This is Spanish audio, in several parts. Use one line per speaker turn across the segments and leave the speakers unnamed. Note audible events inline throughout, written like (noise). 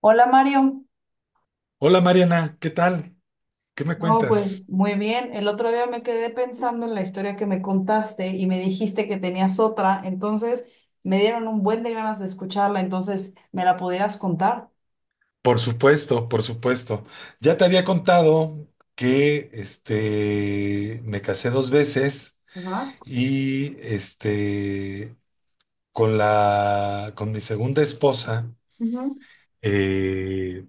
Hola Mario,
Hola Mariana, ¿qué tal? ¿Qué me
no, pues
cuentas?
muy bien. El otro día me quedé pensando en la historia que me contaste y me dijiste que tenías otra, entonces me dieron un buen de ganas de escucharla, entonces ¿me la pudieras contar?
Por supuesto, por supuesto. Ya te había contado que me casé dos veces
Ajá,
y con mi segunda esposa,
ujú,
eh,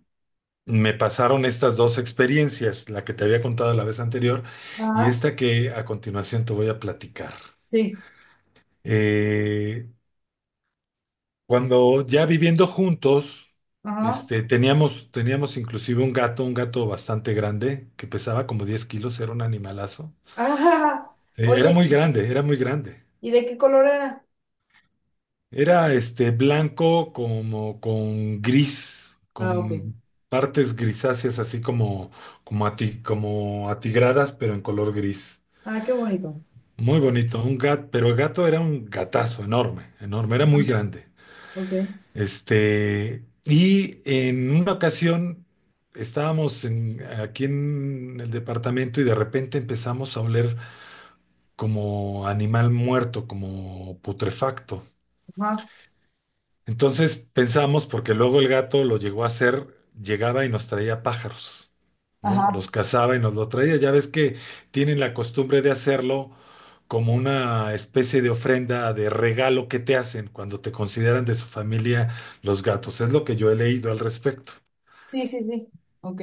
me pasaron estas dos experiencias, la que te había contado la vez anterior y
ajá,
esta que a continuación te voy a platicar.
sí,
Eh, Cuando ya viviendo juntos,
ajá,
teníamos inclusive un gato bastante grande, que pesaba como 10 kilos, era un animalazo.
(laughs) ajá.
Era
Oye,
muy
¿y
grande, era muy grande.
de qué color era?
Era blanco como con gris,
Ah, ok.
con partes grisáceas así como atigradas, pero en color gris.
Ah, qué bonito.
Muy bonito, un gato, pero el gato era un gatazo enorme, enorme, era muy grande.
Ok.
Y en una ocasión estábamos aquí en el departamento y de repente empezamos a oler como animal muerto, como putrefacto.
Ajá.
Entonces pensamos, porque luego el gato lo llegó a hacer, llegaba y nos traía pájaros, ¿no?
Ajá.
Los cazaba y nos lo traía. Ya ves que tienen la costumbre de hacerlo como una especie de ofrenda, de regalo que te hacen cuando te consideran de su familia los gatos. Es lo que yo he leído al respecto.
Sí, sí, sí. Ok.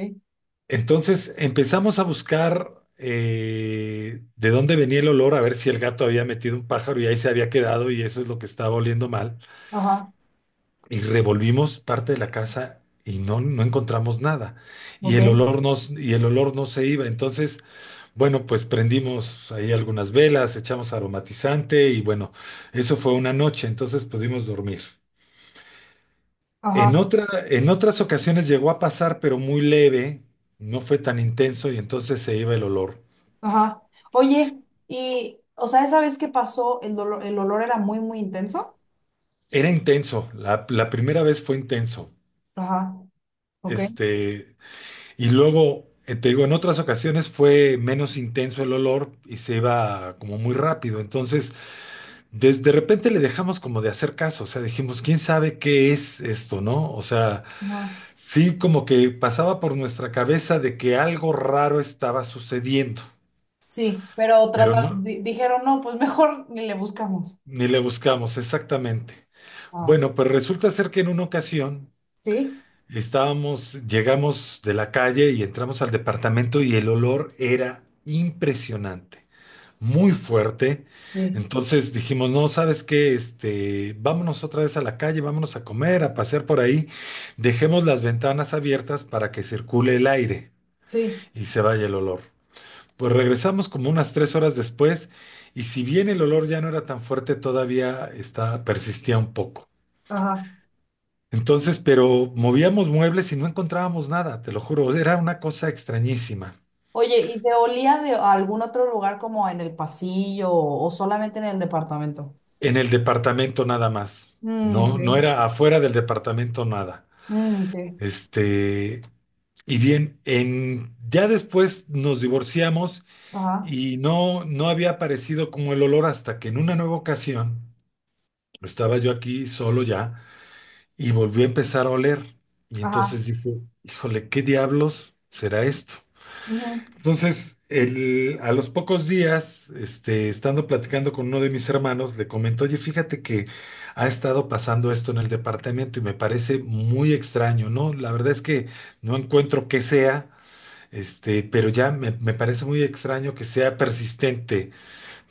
Entonces empezamos a buscar, de dónde venía el olor, a ver si el gato había metido un pájaro y ahí se había quedado y eso es lo que estaba oliendo mal.
Ajá.
Y revolvimos parte de la casa y no encontramos nada. Y
Ok.
el olor no, y el olor no se iba. Entonces, bueno, pues prendimos ahí algunas velas, echamos aromatizante y bueno, eso fue una noche, entonces pudimos dormir.
Ajá.
En otras ocasiones llegó a pasar, pero muy leve, no fue tan intenso y entonces se iba el olor.
Ajá. Oye, y, o sea, esa vez que pasó, el dolor, el olor era muy, muy intenso.
Era intenso, la primera vez fue intenso.
Ajá. Ok.
Este, Y luego, te digo, en otras ocasiones fue menos intenso el olor y se iba como muy rápido. Entonces, desde de repente le dejamos como de hacer caso. O sea, dijimos, ¿quién sabe qué es esto, no? O sea,
Ajá.
sí como que pasaba por nuestra cabeza de que algo raro estaba sucediendo,
Sí, pero
pero
trata,
no,
dijeron, no, pues mejor ni le buscamos.
ni le buscamos exactamente.
Ah.
Bueno, pues resulta ser que en una ocasión
Sí,
estábamos, llegamos de la calle y entramos al departamento y el olor era impresionante, muy fuerte.
sí,
Entonces dijimos, no, ¿sabes qué? Vámonos otra vez a la calle, vámonos a comer, a pasear por ahí, dejemos las ventanas abiertas para que circule el aire
sí.
y se vaya el olor. Pues regresamos como unas 3 horas después y si bien el olor ya no era tan fuerte, todavía está, persistía un poco.
Ajá.
Entonces, pero movíamos muebles y no encontrábamos nada, te lo juro, era una cosa extrañísima.
Oye, ¿y se olía de algún otro lugar como en el pasillo o solamente en el departamento?
En el departamento nada más.
Mm, ok.
No, no era afuera del departamento nada.
Mm, ok.
Este, y bien, ya después nos divorciamos
Ajá.
y no, no había aparecido como el olor hasta que en una nueva ocasión estaba yo aquí solo ya y volvió a empezar a oler. Y
Ajá.
entonces dije, híjole, ¿qué diablos será esto?
Ujú.
Entonces, a los pocos días, estando platicando con uno de mis hermanos, le comentó, oye, fíjate que ha estado pasando esto en el departamento y me parece muy extraño, ¿no? La verdad es que no encuentro qué sea, pero ya me parece muy extraño que sea persistente,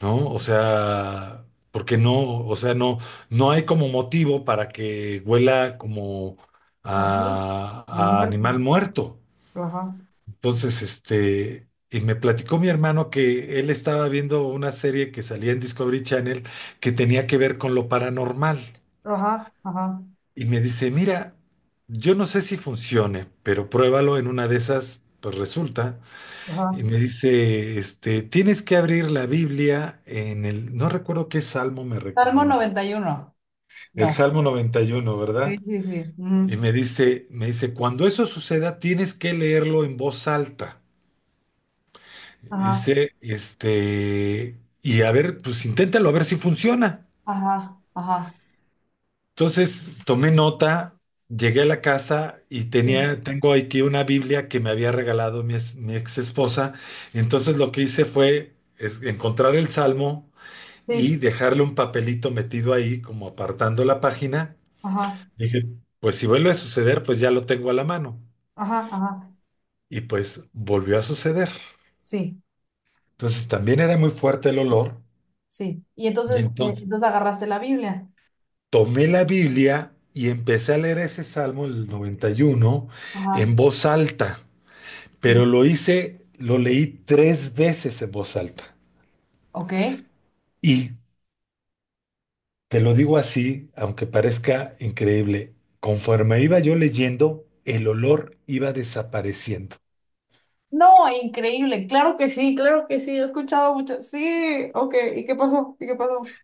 ¿no? O sea, porque no, o sea, no, no hay como motivo para que huela como
Así.
a
Ha
a animal
muerto.
muerto.
Ajá.
Entonces, y me platicó mi hermano que él estaba viendo una serie que salía en Discovery Channel que tenía que ver con lo paranormal.
Ajá. Ajá.
Y me dice, mira, yo no sé si funcione, pero pruébalo en una de esas, pues resulta.
Ajá.
Y me dice, tienes que abrir la Biblia en el, no recuerdo qué salmo me
Salmo
recomienda,
91.
el
No.
Salmo 91,
Sí,
¿verdad?
sí, sí.
Y
Ujú.
me dice, cuando eso suceda, tienes que leerlo en voz alta.
Ajá,
Y a ver, pues inténtalo, a ver si funciona.
ajá, ajá.
Entonces tomé nota, llegué a la casa y
Sí,
tenía, tengo aquí una Biblia que me había regalado mi ex esposa. Entonces lo que hice fue es encontrar el salmo y
sí,
dejarle un papelito metido ahí, como apartando la página.
ajá,
Dije, pues si vuelve a suceder, pues ya lo tengo a la mano.
ajá, ajá.
Y pues volvió a suceder.
Sí,
Entonces también era muy fuerte el olor.
sí. Y
Y
entonces,
entonces
entonces agarraste la Biblia.
tomé la Biblia y empecé a leer ese Salmo, el 91
Ajá.
en voz alta,
Sí, sí.
pero lo hice, lo leí tres veces en voz alta.
Ok.
Y te lo digo así, aunque parezca increíble, conforme iba yo leyendo, el olor iba desapareciendo.
No, increíble. Claro que sí, claro que sí. He escuchado mucho. Sí, ok. ¿Y qué pasó? ¿Y qué pasó?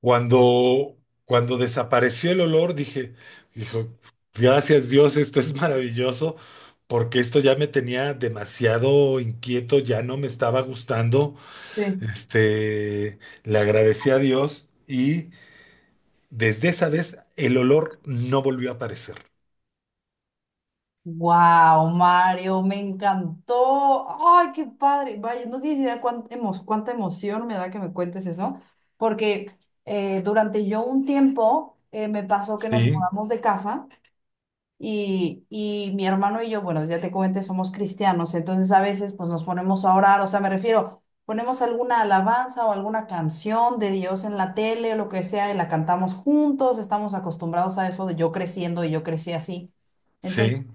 Cuando, cuando desapareció el olor, dije, dijo, gracias Dios, esto es maravilloso, porque esto ya me tenía demasiado inquieto, ya no me estaba gustando.
Sí.
Este, Le agradecí a Dios y desde esa vez el olor no volvió a aparecer.
Wow, Mario, me encantó. Ay, qué padre. Vaya, no tienes idea cuán cuánta emoción me da que me cuentes eso, porque durante yo un tiempo me pasó que nos
Sí,
mudamos de casa y mi hermano y yo, bueno, ya te comenté, somos cristianos, entonces a veces pues nos ponemos a orar, o sea, me refiero, ponemos alguna alabanza o alguna canción de Dios en la tele o lo que sea y la cantamos juntos, estamos acostumbrados a eso de yo creciendo y yo crecí así.
sí,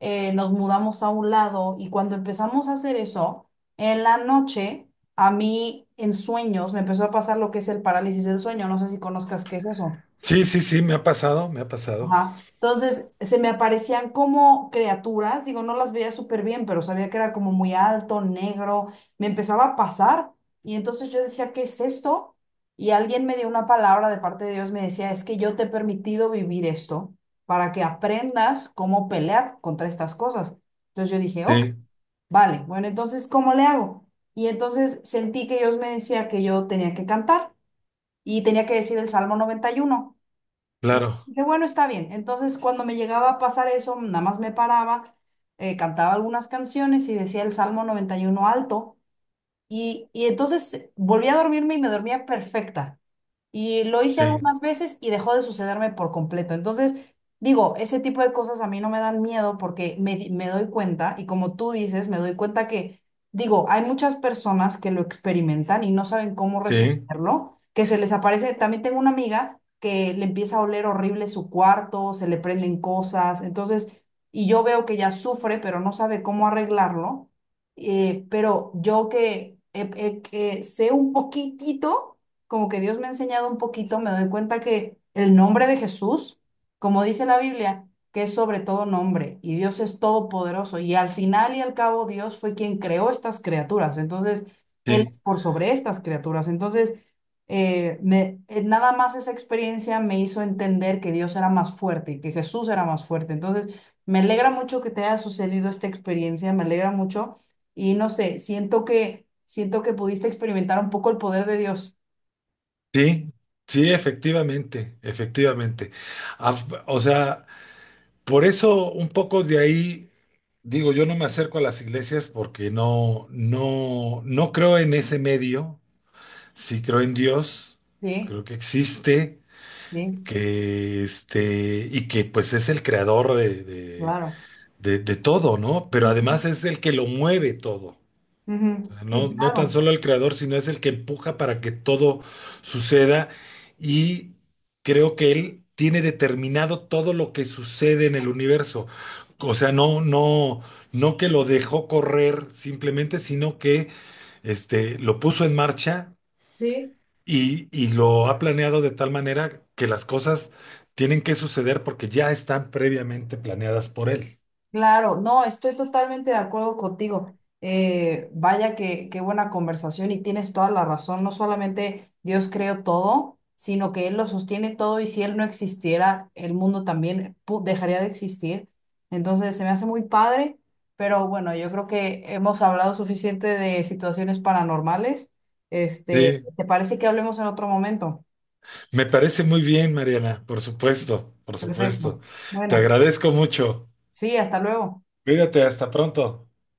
Nos mudamos a un lado y cuando empezamos a hacer eso, en la noche, a mí en sueños me empezó a pasar lo que es el parálisis del sueño, no sé si conozcas qué es eso.
sí, sí, sí, me ha pasado, me ha pasado.
Ajá. Entonces, se me aparecían como criaturas, digo, no las veía súper bien, pero sabía que era como muy alto, negro, me empezaba a pasar y entonces yo decía, ¿qué es esto? Y alguien me dio una palabra de parte de Dios, me decía, es que yo te he permitido vivir esto para que aprendas cómo pelear contra estas cosas. Entonces yo dije, ok,
Sí,
vale, bueno, entonces, ¿cómo le hago? Y entonces sentí que Dios me decía que yo tenía que cantar y tenía que decir el Salmo 91, y
claro,
dije, bueno, está bien. Entonces, cuando me llegaba a pasar eso, nada más me paraba, cantaba algunas canciones y decía el Salmo 91 alto. Y entonces volví a dormirme y me dormía perfecta. Y lo hice
sí,
algunas veces y dejó de sucederme por completo. Entonces, digo, ese tipo de cosas a mí no me dan miedo porque me doy cuenta, y como tú dices, me doy cuenta que, digo, hay muchas personas que lo experimentan y no saben cómo
sí,
resolverlo, que se les aparece, también tengo una amiga que le empieza a oler horrible su cuarto, se le prenden cosas, entonces, y yo veo que ella sufre, pero no sabe cómo arreglarlo, pero yo que sé un poquitito, como que Dios me ha enseñado un poquito, me doy cuenta que el nombre de Jesús, como dice la Biblia, que es sobre todo nombre y Dios es todopoderoso y al final y al cabo Dios fue quien creó estas criaturas, entonces Él es
sí,
por sobre estas criaturas, entonces nada más esa experiencia me hizo entender que Dios era más fuerte y que Jesús era más fuerte, entonces me alegra mucho que te haya sucedido esta experiencia, me alegra mucho y no sé, siento que pudiste experimentar un poco el poder de Dios.
sí, sí, efectivamente, efectivamente. O sea, por eso un poco de ahí digo, yo no me acerco a las iglesias porque no creo en ese medio, sí creo en Dios,
Sí,
creo que existe,
sí,
que y que pues es el creador
claro.
de todo, ¿no? Pero
Ujú.
además es el que lo mueve todo. O
Ujú,
sea,
sí,
no, no tan
claro,
solo el creador, sino es el que empuja para que todo suceda. Y creo que él tiene determinado todo lo que sucede en el universo. O sea, no, no que lo dejó correr simplemente, sino que lo puso en marcha
sí,
y lo ha planeado de tal manera que las cosas tienen que suceder porque ya están previamente planeadas por él.
claro. No, estoy totalmente de acuerdo contigo. Vaya que, qué buena conversación y tienes toda la razón. No solamente Dios creó todo, sino que Él lo sostiene todo y si Él no existiera, el mundo también dejaría de existir. Entonces, se me hace muy padre, pero bueno, yo creo que hemos hablado suficiente de situaciones paranormales. Este,
Sí,
¿te parece que hablemos en otro momento?
me parece muy bien, Mariana, por supuesto, por supuesto.
Perfecto.
Te
Bueno.
agradezco mucho.
Sí, hasta luego.
Cuídate, hasta pronto.